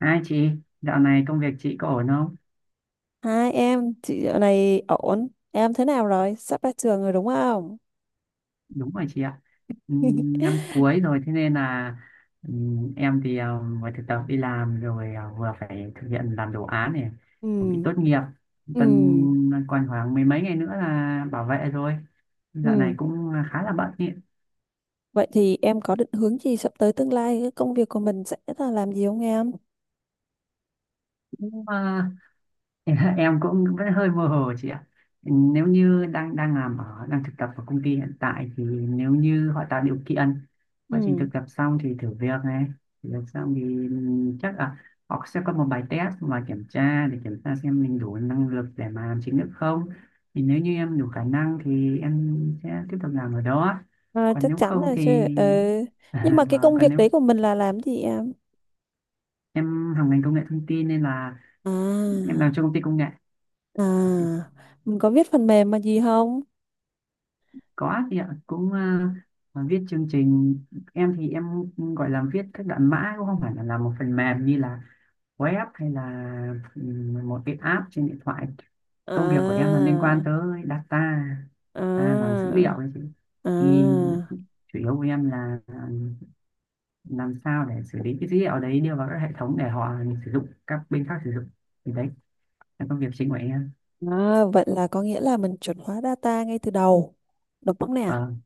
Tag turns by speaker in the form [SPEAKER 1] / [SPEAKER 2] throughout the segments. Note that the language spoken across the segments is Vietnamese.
[SPEAKER 1] Hai chị, dạo này công việc chị có ổn không?
[SPEAKER 2] Hai em, chị dạo này ổn. Em thế nào rồi? Sắp ra trường rồi đúng không?
[SPEAKER 1] Đúng rồi chị ạ. Năm cuối rồi thế nên là em thì vừa thực tập đi làm rồi vừa phải thực hiện làm đồ án này, chuẩn bị
[SPEAKER 2] Ừ,
[SPEAKER 1] tốt nghiệp. Tuần
[SPEAKER 2] ừ,
[SPEAKER 1] còn khoảng mười mấy ngày nữa là bảo vệ rồi. Dạo này
[SPEAKER 2] ừ.
[SPEAKER 1] cũng khá là bận ý.
[SPEAKER 2] Vậy thì em có định hướng gì sắp tới tương lai? Cái công việc của mình sẽ là làm gì không em?
[SPEAKER 1] Cũng em em cũng vẫn hơi mơ hồ chị ạ, nếu như đang đang làm ở đang thực tập ở công ty hiện tại thì nếu như họ tạo điều kiện, quá trình thực
[SPEAKER 2] Ừ,
[SPEAKER 1] tập xong thì thử việc này, thử việc xong thì chắc là họ sẽ có một bài test mà kiểm tra để kiểm tra xem mình đủ năng lực để mà làm chính thức không, thì nếu như em đủ khả năng thì em sẽ tiếp tục làm ở đó, còn
[SPEAKER 2] chắc
[SPEAKER 1] nếu
[SPEAKER 2] chắn
[SPEAKER 1] không
[SPEAKER 2] là chứ.
[SPEAKER 1] thì
[SPEAKER 2] Ừ. Nhưng mà cái
[SPEAKER 1] và
[SPEAKER 2] công
[SPEAKER 1] còn
[SPEAKER 2] việc
[SPEAKER 1] nếu
[SPEAKER 2] đấy của mình là làm gì em?
[SPEAKER 1] em học ngành công nghệ thông tin nên là em
[SPEAKER 2] À,
[SPEAKER 1] làm cho công ty công nghệ.
[SPEAKER 2] à, mình có viết phần mềm mà gì không?
[SPEAKER 1] Có chị ạ, cũng viết chương trình, em thì em gọi là viết các đoạn mã, cũng không phải là làm một phần mềm như là web hay là một cái app trên điện thoại. Công việc của em là
[SPEAKER 2] À,
[SPEAKER 1] liên quan tới data, data, làm dữ liệu
[SPEAKER 2] à,
[SPEAKER 1] ấy chị. Thì
[SPEAKER 2] à.
[SPEAKER 1] chủ yếu của em là làm sao để xử lý cái dữ liệu đấy đưa vào các hệ thống để họ sử dụng, các bên khác sử dụng. Thì đấy là công việc chính của em.
[SPEAKER 2] À, vậy là có nghĩa là mình chuẩn hóa data ngay từ đầu. Đúng không nè?
[SPEAKER 1] Vâng,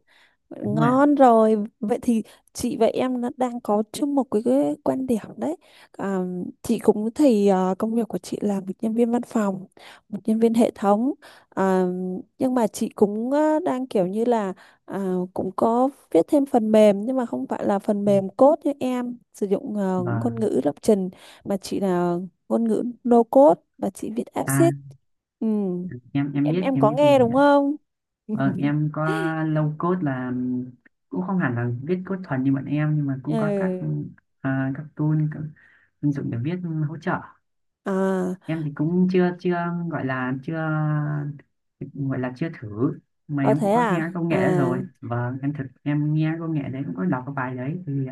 [SPEAKER 2] Vậy
[SPEAKER 1] đúng rồi ạ.
[SPEAKER 2] ngon rồi. Vậy thì chị và em nó đang có chung một cái quan điểm đấy. À, chị cũng thì công việc của chị là một nhân viên văn phòng, một nhân viên hệ thống. À, nhưng mà chị cũng đang kiểu như là cũng có viết thêm phần mềm, nhưng mà không phải là phần mềm code như em sử dụng, ngôn
[SPEAKER 1] Vâng,
[SPEAKER 2] ngữ lập trình, mà chị là ngôn ngữ no code và chị viết app
[SPEAKER 1] à,
[SPEAKER 2] sheet. Ừ,
[SPEAKER 1] em
[SPEAKER 2] em
[SPEAKER 1] biết,
[SPEAKER 2] em
[SPEAKER 1] em
[SPEAKER 2] có
[SPEAKER 1] biết cái
[SPEAKER 2] nghe
[SPEAKER 1] này
[SPEAKER 2] đúng
[SPEAKER 1] ạ.
[SPEAKER 2] không?
[SPEAKER 1] Vâng, em có low code là cũng không hẳn là viết code thuần như bọn em nhưng mà cũng có các
[SPEAKER 2] Ừ
[SPEAKER 1] các tool, các ứng dụng để viết hỗ trợ.
[SPEAKER 2] à
[SPEAKER 1] Em thì cũng chưa chưa gọi là chưa, gọi là chưa thử, mà
[SPEAKER 2] ờ
[SPEAKER 1] em
[SPEAKER 2] thế
[SPEAKER 1] cũng có nghe
[SPEAKER 2] à
[SPEAKER 1] công
[SPEAKER 2] à
[SPEAKER 1] nghệ đó rồi. Vâng, em thực em nghe công nghệ đấy, cũng có đọc cái bài đấy thì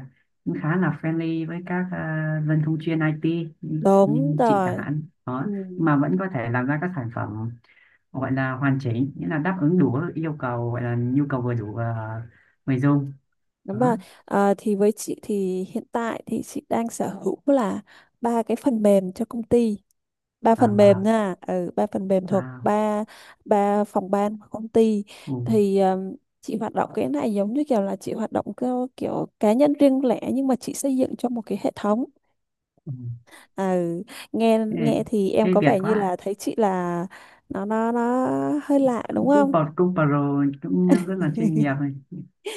[SPEAKER 1] cũng khá là friendly với các dân thông chuyên IT như,
[SPEAKER 2] đúng
[SPEAKER 1] như chị chẳng
[SPEAKER 2] rồi
[SPEAKER 1] hạn.
[SPEAKER 2] ừ.
[SPEAKER 1] Đó, mà vẫn có thể làm ra các sản phẩm gọi là hoàn chỉnh, nghĩa là đáp ứng đủ yêu cầu, gọi là nhu cầu vừa đủ người dùng,
[SPEAKER 2] Đúng
[SPEAKER 1] đó.
[SPEAKER 2] rồi. Ờ, thì với chị thì hiện tại thì chị đang sở hữu là ba cái phần mềm cho công ty, ba phần mềm
[SPEAKER 1] Mà
[SPEAKER 2] nha, ba phần mềm thuộc
[SPEAKER 1] à,
[SPEAKER 2] ba ba phòng ban của công ty.
[SPEAKER 1] ừ,
[SPEAKER 2] Thì chị hoạt động cái này giống như kiểu là chị hoạt động theo kiểu cá nhân riêng lẻ, nhưng mà chị xây dựng cho một cái hệ thống.
[SPEAKER 1] ừ.
[SPEAKER 2] À, nghe
[SPEAKER 1] Thế,
[SPEAKER 2] nghe thì em
[SPEAKER 1] thế
[SPEAKER 2] có
[SPEAKER 1] Việt
[SPEAKER 2] vẻ như là
[SPEAKER 1] quá,
[SPEAKER 2] thấy chị là nó hơi lạ đúng
[SPEAKER 1] cũng cũng
[SPEAKER 2] không?
[SPEAKER 1] pro, cũng pro, cũng rất là chuyên nghiệp này.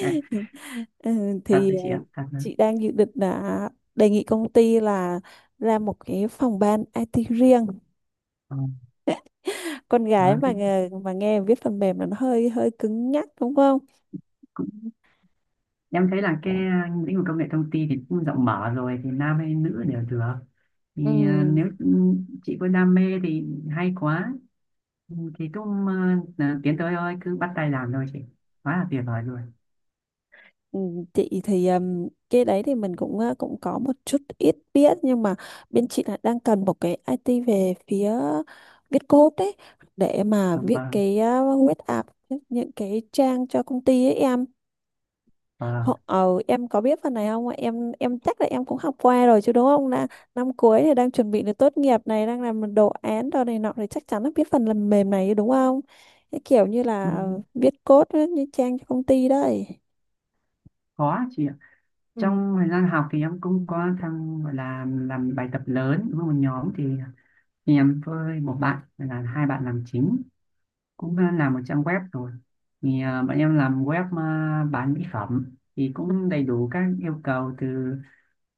[SPEAKER 1] Cái-
[SPEAKER 2] Ừ,
[SPEAKER 1] thật
[SPEAKER 2] thì
[SPEAKER 1] đấy chị ạ, thật đấy.
[SPEAKER 2] chị đang dự định là đề nghị công ty là ra một cái phòng ban IT riêng.
[SPEAKER 1] Ờ,
[SPEAKER 2] Con gái
[SPEAKER 1] đó,
[SPEAKER 2] mà
[SPEAKER 1] thế
[SPEAKER 2] nghe, mà nghe viết phần mềm là nó hơi hơi cứng nhắc đúng không?
[SPEAKER 1] cũng, em thấy là cái lĩnh vực công nghệ thông tin thì cũng rộng mở rồi, thì nam hay nữ đều được,
[SPEAKER 2] Ừ.
[SPEAKER 1] thì nếu chị có đam mê thì hay quá, thì cũng tiến tới thôi, cứ bắt tay làm thôi chị, quá là tuyệt vời rồi.
[SPEAKER 2] Ừ, chị thì cái đấy thì mình cũng cũng có một chút ít biết, nhưng mà bên chị là đang cần một cái IT về phía viết code đấy, để mà
[SPEAKER 1] Vâng
[SPEAKER 2] viết
[SPEAKER 1] vâng.
[SPEAKER 2] cái web app, những cái trang cho công ty ấy em.
[SPEAKER 1] À,
[SPEAKER 2] Em có biết phần này không ạ? Em chắc là em cũng học qua rồi chứ đúng không, là năm cuối thì đang chuẩn bị để tốt nghiệp này, đang làm đồ án đồ này nọ thì chắc chắn là biết phần làm mềm này chứ đúng không, cái kiểu như là
[SPEAKER 1] ừ,
[SPEAKER 2] viết code ấy, như trang cho công ty đấy.
[SPEAKER 1] có chị ạ.
[SPEAKER 2] Ừ.
[SPEAKER 1] Trong thời gian học thì em cũng có tham, gọi là làm bài tập lớn với một nhóm thì em với một bạn là hai bạn làm chính, cũng làm một trang web rồi. Thì bọn em làm web bán mỹ phẩm, thì cũng đầy đủ các yêu cầu từ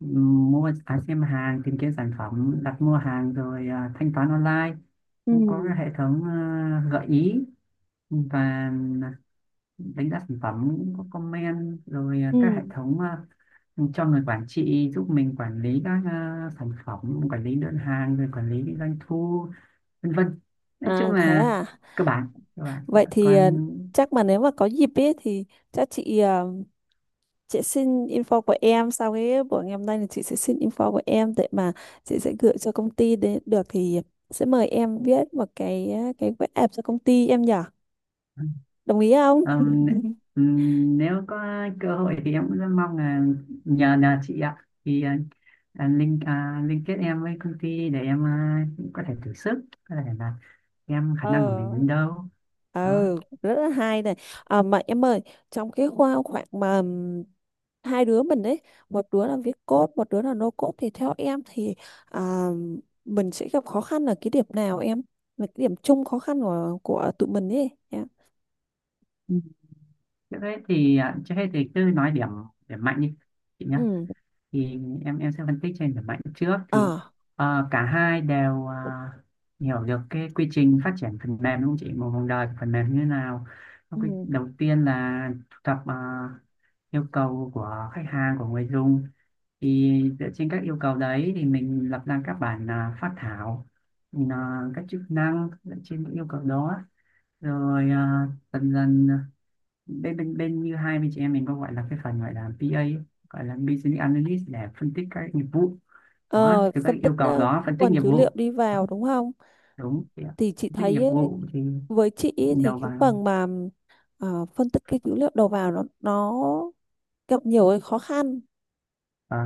[SPEAKER 1] ừ, mua xem hàng, tìm kiếm sản phẩm, đặt mua hàng rồi thanh toán online.
[SPEAKER 2] Ừ.
[SPEAKER 1] Cũng có cái hệ thống gợi ý và đánh giá sản phẩm, cũng có comment rồi
[SPEAKER 2] Ừ.
[SPEAKER 1] các hệ thống cho người quản trị giúp mình quản lý các sản phẩm, quản lý đơn hàng rồi quản lý doanh thu, vân vân, nói chung
[SPEAKER 2] À, thế
[SPEAKER 1] là
[SPEAKER 2] à.
[SPEAKER 1] cơ bản, cơ bản.
[SPEAKER 2] Vậy thì
[SPEAKER 1] Còn
[SPEAKER 2] chắc mà nếu mà có dịp ấy thì chắc chị, chị xin info của em sau cái buổi ngày hôm nay, thì chị sẽ xin info của em để mà chị sẽ gửi cho công ty, để được thì sẽ mời em viết một cái web app cho công ty em nhỉ. Đồng ý không?
[SPEAKER 1] ừm, nếu có cơ hội thì em cũng rất mong là nhờ nhờ chị ạ, thì link liên kết em với công ty để em có thể thử sức, có thể là em khả năng của
[SPEAKER 2] Ờ.
[SPEAKER 1] mình đến đâu, đó.
[SPEAKER 2] Ừ, rất là hay này. À, mà em ơi, trong cái khoảng mà hai đứa mình ấy, một đứa là viết code, một đứa là no code, thì theo em thì à, mình sẽ gặp khó khăn ở cái điểm nào em, là cái điểm chung khó khăn của tụi mình ấy em?
[SPEAKER 1] Thế hết thì trước hết thì cứ nói điểm, điểm mạnh đi chị nhé.
[SPEAKER 2] ừ
[SPEAKER 1] Thì em sẽ phân tích trên điểm mạnh trước thì
[SPEAKER 2] à
[SPEAKER 1] cả hai đều hiểu được cái quy trình phát triển phần mềm đúng không chị? Một vòng đời của phần mềm như thế nào? Nó quy-
[SPEAKER 2] ừ.
[SPEAKER 1] Đầu tiên là thu thập yêu cầu của khách hàng, của người dùng, thì dựa trên các yêu cầu đấy thì mình lập ra các bản phát thảo mình, các chức năng dựa trên những yêu cầu đó, rồi dần dần bên bên bên như hai bên chị em mình có gọi là cái phần gọi là PA ấy, gọi là Business Analyst để phân tích các nghiệp vụ đó,
[SPEAKER 2] Ờ,
[SPEAKER 1] từ các
[SPEAKER 2] phân tích,
[SPEAKER 1] yêu cầu đó phân tích
[SPEAKER 2] nguồn
[SPEAKER 1] nghiệp
[SPEAKER 2] dữ liệu
[SPEAKER 1] vụ.
[SPEAKER 2] đi
[SPEAKER 1] Đó,
[SPEAKER 2] vào đúng không,
[SPEAKER 1] đúng chị ạ.
[SPEAKER 2] thì chị
[SPEAKER 1] Phân tích nghiệp
[SPEAKER 2] thấy ấy,
[SPEAKER 1] vụ thì
[SPEAKER 2] với chị ấy, thì
[SPEAKER 1] đầu
[SPEAKER 2] cái
[SPEAKER 1] vào.
[SPEAKER 2] phần mà phân tích cái dữ liệu đầu vào nó gặp nhiều cái khó khăn.
[SPEAKER 1] Ờ,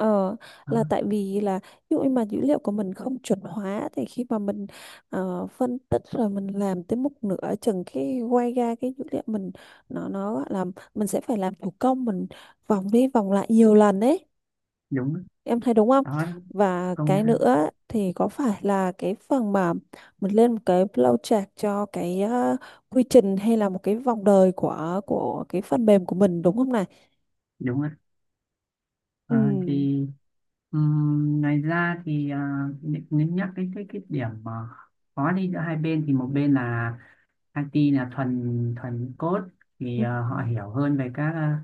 [SPEAKER 2] Ờ,
[SPEAKER 1] đó,
[SPEAKER 2] là tại vì là ví dụ như mà dữ liệu của mình không chuẩn hóa, thì khi mà mình phân tích rồi mình làm tới một nửa chừng cái quay ra cái dữ liệu mình, nó gọi là mình sẽ phải làm thủ công, mình vòng đi vòng lại nhiều lần đấy,
[SPEAKER 1] đúng
[SPEAKER 2] em thấy đúng không?
[SPEAKER 1] đó,
[SPEAKER 2] Và
[SPEAKER 1] công
[SPEAKER 2] cái
[SPEAKER 1] nhận ạ.
[SPEAKER 2] nữa thì có phải là cái phần mà mình lên một cái flow chart cho cái quy trình, hay là một cái vòng đời của cái phần mềm của mình đúng không này?
[SPEAKER 1] Đúng ạ.
[SPEAKER 2] ừ
[SPEAKER 1] Ờ, thì ừm, ngoài ra thì nếu nhắc cái cái điểm mà khó đi giữa hai bên, thì một bên là IT là thuần thuần code, thì
[SPEAKER 2] Ừ.
[SPEAKER 1] họ hiểu hơn về các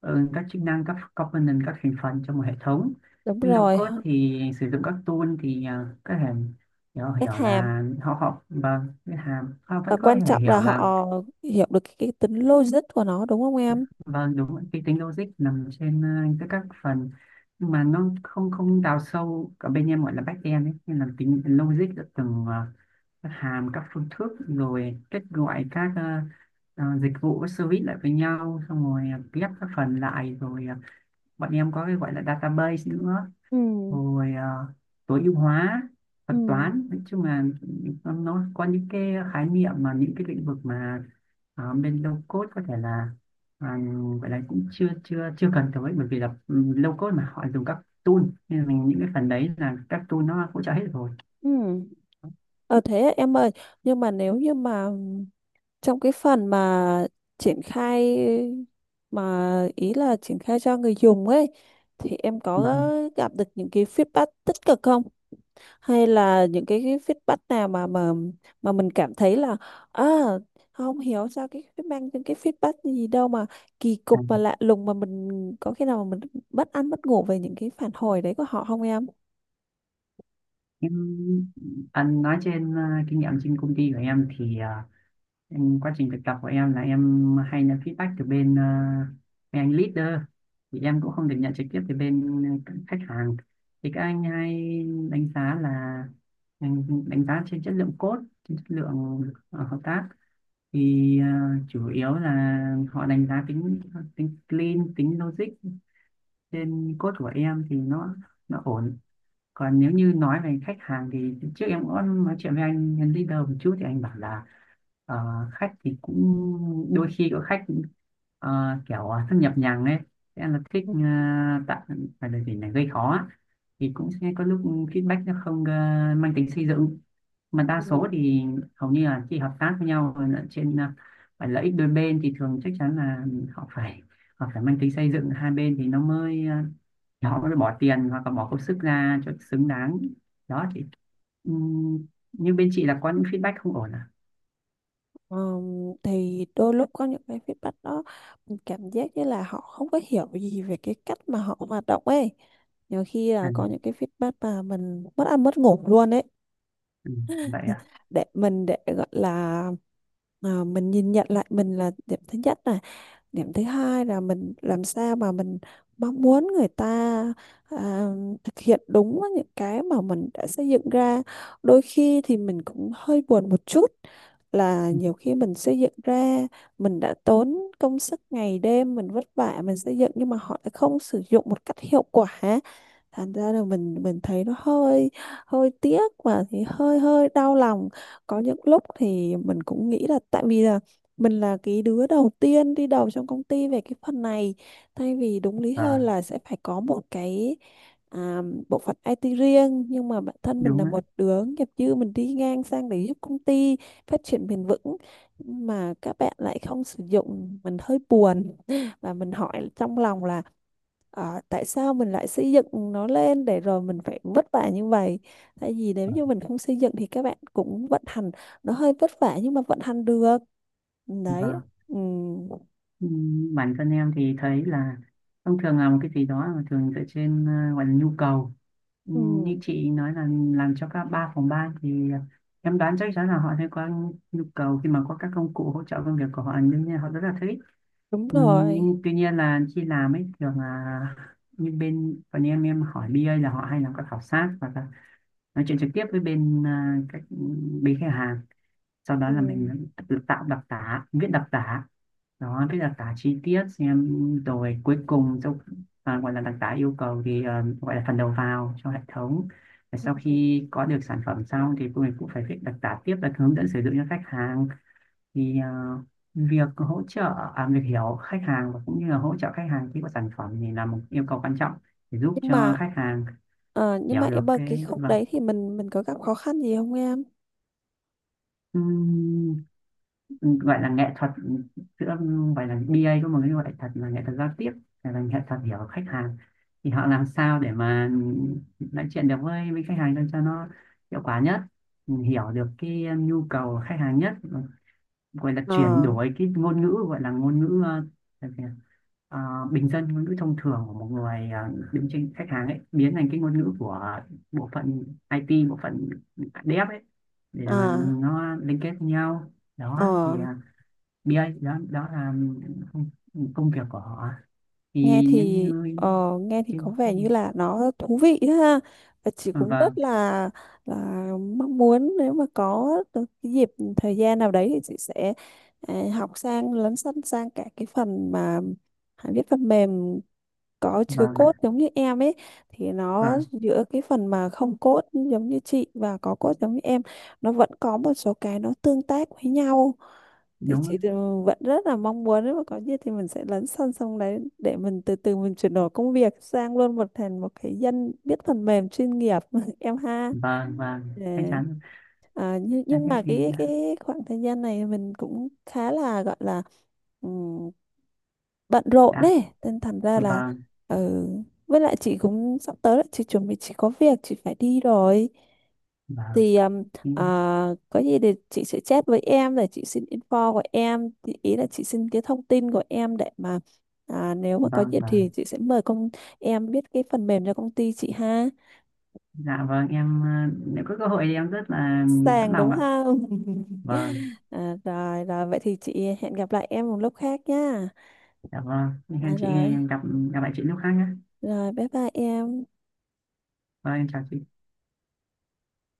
[SPEAKER 1] ừ, các chức năng, các component, các thành phần trong một hệ thống,
[SPEAKER 2] đúng
[SPEAKER 1] nhưng low
[SPEAKER 2] rồi
[SPEAKER 1] code thì sử dụng các tool thì có thể hiểu hiểu
[SPEAKER 2] Các hàm,
[SPEAKER 1] là họ học và cái hàm họ vẫn
[SPEAKER 2] và
[SPEAKER 1] có
[SPEAKER 2] quan
[SPEAKER 1] thể
[SPEAKER 2] trọng là
[SPEAKER 1] hiểu là.
[SPEAKER 2] họ hiểu được cái tính logic của nó đúng không em?
[SPEAKER 1] Vâng, đúng rồi. Cái tính logic nằm trên các phần, nhưng mà nó không không đào sâu ở bên em gọi là back end ấy, nên là tính logic ở từng các hàm, các phương thức, rồi kết gọi các dịch vụ, các service lại với nhau, xong rồi ghép các phần lại rồi bọn em có cái gọi là database nữa,
[SPEAKER 2] ừ
[SPEAKER 1] rồi tối ưu hóa
[SPEAKER 2] ừ
[SPEAKER 1] thuật toán, nói chung là nó có những cái khái niệm mà những cái lĩnh vực mà bên low code có thể là à, gọi là cũng chưa chưa chưa cần tới, bởi vì là ừ, low code mà họ dùng các tool, nên là mình những cái phần đấy là các tool nó hỗ trợ hết rồi.
[SPEAKER 2] ừ ờ Thế em ơi, nhưng mà nếu như mà trong cái phần mà triển khai, mà ý là triển khai cho người dùng ấy, thì em có
[SPEAKER 1] Vâng,
[SPEAKER 2] gặp được những cái feedback tích cực không, hay là những cái feedback nào mà mình cảm thấy là, à, không hiểu sao cái mang những cái feedback gì đâu mà kỳ
[SPEAKER 1] à,
[SPEAKER 2] cục và lạ lùng, mà mình có khi nào mà mình bất ăn bất ngủ về những cái phản hồi đấy của họ không em?
[SPEAKER 1] em anh nói trên kinh nghiệm trên công ty của em thì em quá trình thực tập của em là em hay nhận feedback từ bên mấy anh leader, thì em cũng không được nhận trực tiếp từ bên các khách hàng, thì các anh hay đánh giá là đánh, đánh giá trên chất lượng code, trên chất lượng hợp tác, thì chủ yếu là họ đánh giá tính, tính clean, tính logic trên code của em thì nó ổn. Còn nếu như nói về khách hàng, thì trước em có nói chuyện với anh nhân leader một chút thì anh bảo là ờ, khách thì cũng đôi khi có khách kiểu thân nhập nhằng ấy, sẽ là thích
[SPEAKER 2] Ừ.
[SPEAKER 1] tạo, phải là gì này, gây khó á. Thì cũng sẽ có lúc feedback nó không mang tính xây dựng, mà đa
[SPEAKER 2] Ừ.
[SPEAKER 1] số thì hầu như là khi hợp tác với nhau rồi là trên phải lợi ích đôi bên, thì thường chắc chắn là họ phải, họ phải mang tính xây dựng hai bên, thì nó mới họ mới bỏ tiền hoặc là bỏ công sức ra cho xứng đáng, đó chị. Ừm, nhưng bên chị là có những feedback không ổn à.
[SPEAKER 2] Ờm, thì đôi lúc có những cái feedback đó mình cảm giác như là họ không có hiểu gì về cái cách mà họ hoạt động ấy, nhiều khi là
[SPEAKER 1] À,
[SPEAKER 2] có những cái feedback mà mình mất ăn mất ngủ luôn ấy,
[SPEAKER 1] ừ, vậy à.
[SPEAKER 2] để mình, gọi là mình nhìn nhận lại mình là điểm thứ nhất này, điểm thứ hai là mình làm sao mà mình mong muốn người ta à, thực hiện đúng với những cái mà mình đã xây dựng ra. Đôi khi thì mình cũng hơi buồn một chút, là nhiều khi mình xây dựng ra, mình đã tốn công sức ngày đêm, mình vất vả mình xây dựng nhưng mà họ lại không sử dụng một cách hiệu quả, thành ra là mình thấy nó hơi hơi tiếc, và thì hơi hơi đau lòng. Có những lúc thì mình cũng nghĩ là tại vì là mình là cái đứa đầu tiên đi đầu trong công ty về cái phần này, thay vì đúng lý hơn
[SPEAKER 1] Vâng,
[SPEAKER 2] là sẽ phải có một cái à, bộ phận IT riêng, nhưng mà bản thân mình
[SPEAKER 1] đúng
[SPEAKER 2] là
[SPEAKER 1] á.
[SPEAKER 2] một đứa nghiệp dư, mình đi ngang sang để giúp công ty phát triển bền vững mà các bạn lại không sử dụng, mình hơi buồn, và mình hỏi trong lòng là: Ờ, tại sao mình lại xây dựng nó lên để rồi mình phải vất vả như vậy? Tại vì nếu
[SPEAKER 1] Vâng.
[SPEAKER 2] như mình không xây dựng thì các bạn cũng vận hành, nó hơi vất vả nhưng mà vận hành được. Đấy.
[SPEAKER 1] Vâng.
[SPEAKER 2] Ừ,
[SPEAKER 1] Ừ, bản thân em thì thấy là thông thường là một cái gì đó mà thường dựa trên gọi là nhu cầu. Ừ,
[SPEAKER 2] ừ
[SPEAKER 1] như chị nói là làm cho các ba phòng ban, thì em đoán chắc chắn là họ sẽ có nhu cầu, khi mà có các công cụ hỗ trợ công việc của họ đương nhiên họ rất là thích.
[SPEAKER 2] đúng
[SPEAKER 1] Ừ,
[SPEAKER 2] rồi.
[SPEAKER 1] nhưng tuy nhiên là khi làm ấy thường là như bên còn em hỏi BA là họ hay làm các khảo sát và nói chuyện trực tiếp với bên các bên khách hàng, sau đó
[SPEAKER 2] ừ
[SPEAKER 1] là mình tự tạo đặc tả, viết đặc tả, đó, viết đặc tả chi tiết xem, rồi cuối cùng cho gọi là đặc tả yêu cầu thì gọi là phần đầu vào cho hệ thống, và sau khi có được sản phẩm xong thì mình cũng phải viết đặc tả tiếp là hướng dẫn sử dụng cho khách hàng, thì việc hỗ trợ việc hiểu khách hàng và cũng như là hỗ trợ khách hàng khi có sản phẩm thì là một yêu cầu quan trọng để giúp
[SPEAKER 2] Nhưng mà
[SPEAKER 1] cho khách hàng
[SPEAKER 2] nhưng mà
[SPEAKER 1] hiểu được
[SPEAKER 2] em ơi,
[SPEAKER 1] cái.
[SPEAKER 2] cái khúc
[SPEAKER 1] Vâng.
[SPEAKER 2] đấy thì mình có gặp khó khăn gì không em?
[SPEAKER 1] Ừm, gọi là nghệ thuật ừ, giữa gọi là BA có một cái gọi thật là nghệ thuật giao tiếp, hay là nghệ thuật hiểu khách hàng, thì họ làm sao để mà ừ, nói chuyện được với khách hàng để cho nó hiệu quả nhất, ừ, hiểu được cái ừ, nhu cầu khách hàng nhất, ừ, gọi là chuyển
[SPEAKER 2] Ờ
[SPEAKER 1] đổi cái ngôn ngữ, gọi là ngôn ngữ ờ, ờ, bình dân, ngôn ngữ thông thường của một người đứng trên khách hàng ấy biến thành cái ngôn ngữ của bộ phận IT, bộ phận dev ấy, để mà
[SPEAKER 2] à
[SPEAKER 1] nó liên kết với nhau, đó
[SPEAKER 2] ờ
[SPEAKER 1] thì Bia ấy, đó đó là công, công việc của họ,
[SPEAKER 2] nghe
[SPEAKER 1] thì nếu
[SPEAKER 2] thì
[SPEAKER 1] như
[SPEAKER 2] ờ, nghe thì
[SPEAKER 1] trên.
[SPEAKER 2] có vẻ như là nó thú vị đấy ha, và chị cũng rất
[SPEAKER 1] Vâng
[SPEAKER 2] là mong muốn, nếu mà có được cái dịp thời gian nào đấy thì chị sẽ học lấn sân sang cả cái phần mà hãy viết phần mềm có chứa
[SPEAKER 1] vâng
[SPEAKER 2] code
[SPEAKER 1] ạ,
[SPEAKER 2] giống như em ấy, thì nó
[SPEAKER 1] vâng
[SPEAKER 2] giữa cái phần mà không code giống như chị và có code giống như em, nó vẫn có một số cái nó tương tác với nhau. Thì
[SPEAKER 1] đúng ạ.
[SPEAKER 2] chị thì vẫn rất là mong muốn, nếu mà có gì thì mình sẽ lấn sân sông đấy, để mình từ từ mình chuyển đổi công việc sang luôn, thành một cái dân biết phần mềm chuyên nghiệp. Em ha.
[SPEAKER 1] Vâng vâng chắc
[SPEAKER 2] Để-
[SPEAKER 1] chắn
[SPEAKER 2] à, nhưng,
[SPEAKER 1] là
[SPEAKER 2] nhưng
[SPEAKER 1] thế
[SPEAKER 2] mà
[SPEAKER 1] thì.
[SPEAKER 2] cái khoảng thời gian này mình cũng khá là gọi là ừm, bận rộn
[SPEAKER 1] Dạ
[SPEAKER 2] đấy, nên thành ra là
[SPEAKER 1] vâng,
[SPEAKER 2] ừ, với lại chị cũng sắp tới là chị chuẩn bị, chị có việc chị phải đi rồi,
[SPEAKER 1] vâng,
[SPEAKER 2] thì
[SPEAKER 1] ừ,
[SPEAKER 2] à, có gì thì chị sẽ chat với em để chị xin info của em, thì ý là chị xin cái thông tin của em để mà, nếu mà có
[SPEAKER 1] vâng
[SPEAKER 2] dịp thì
[SPEAKER 1] vâng.
[SPEAKER 2] chị sẽ mời công em biết cái phần mềm cho công ty chị ha.
[SPEAKER 1] Dạ vâng em nếu có cơ hội thì em rất là sẵn
[SPEAKER 2] Sàng
[SPEAKER 1] lòng
[SPEAKER 2] đúng
[SPEAKER 1] ạ.
[SPEAKER 2] không?
[SPEAKER 1] Vâng.
[SPEAKER 2] À, rồi rồi, vậy thì chị hẹn gặp lại em một lúc khác nhá.
[SPEAKER 1] Dạ vâng, hẹn
[SPEAKER 2] À,
[SPEAKER 1] chị
[SPEAKER 2] rồi.
[SPEAKER 1] gặp, gặp lại chị lúc khác nhé.
[SPEAKER 2] Rồi bye bye em.
[SPEAKER 1] Vâng em chào chị.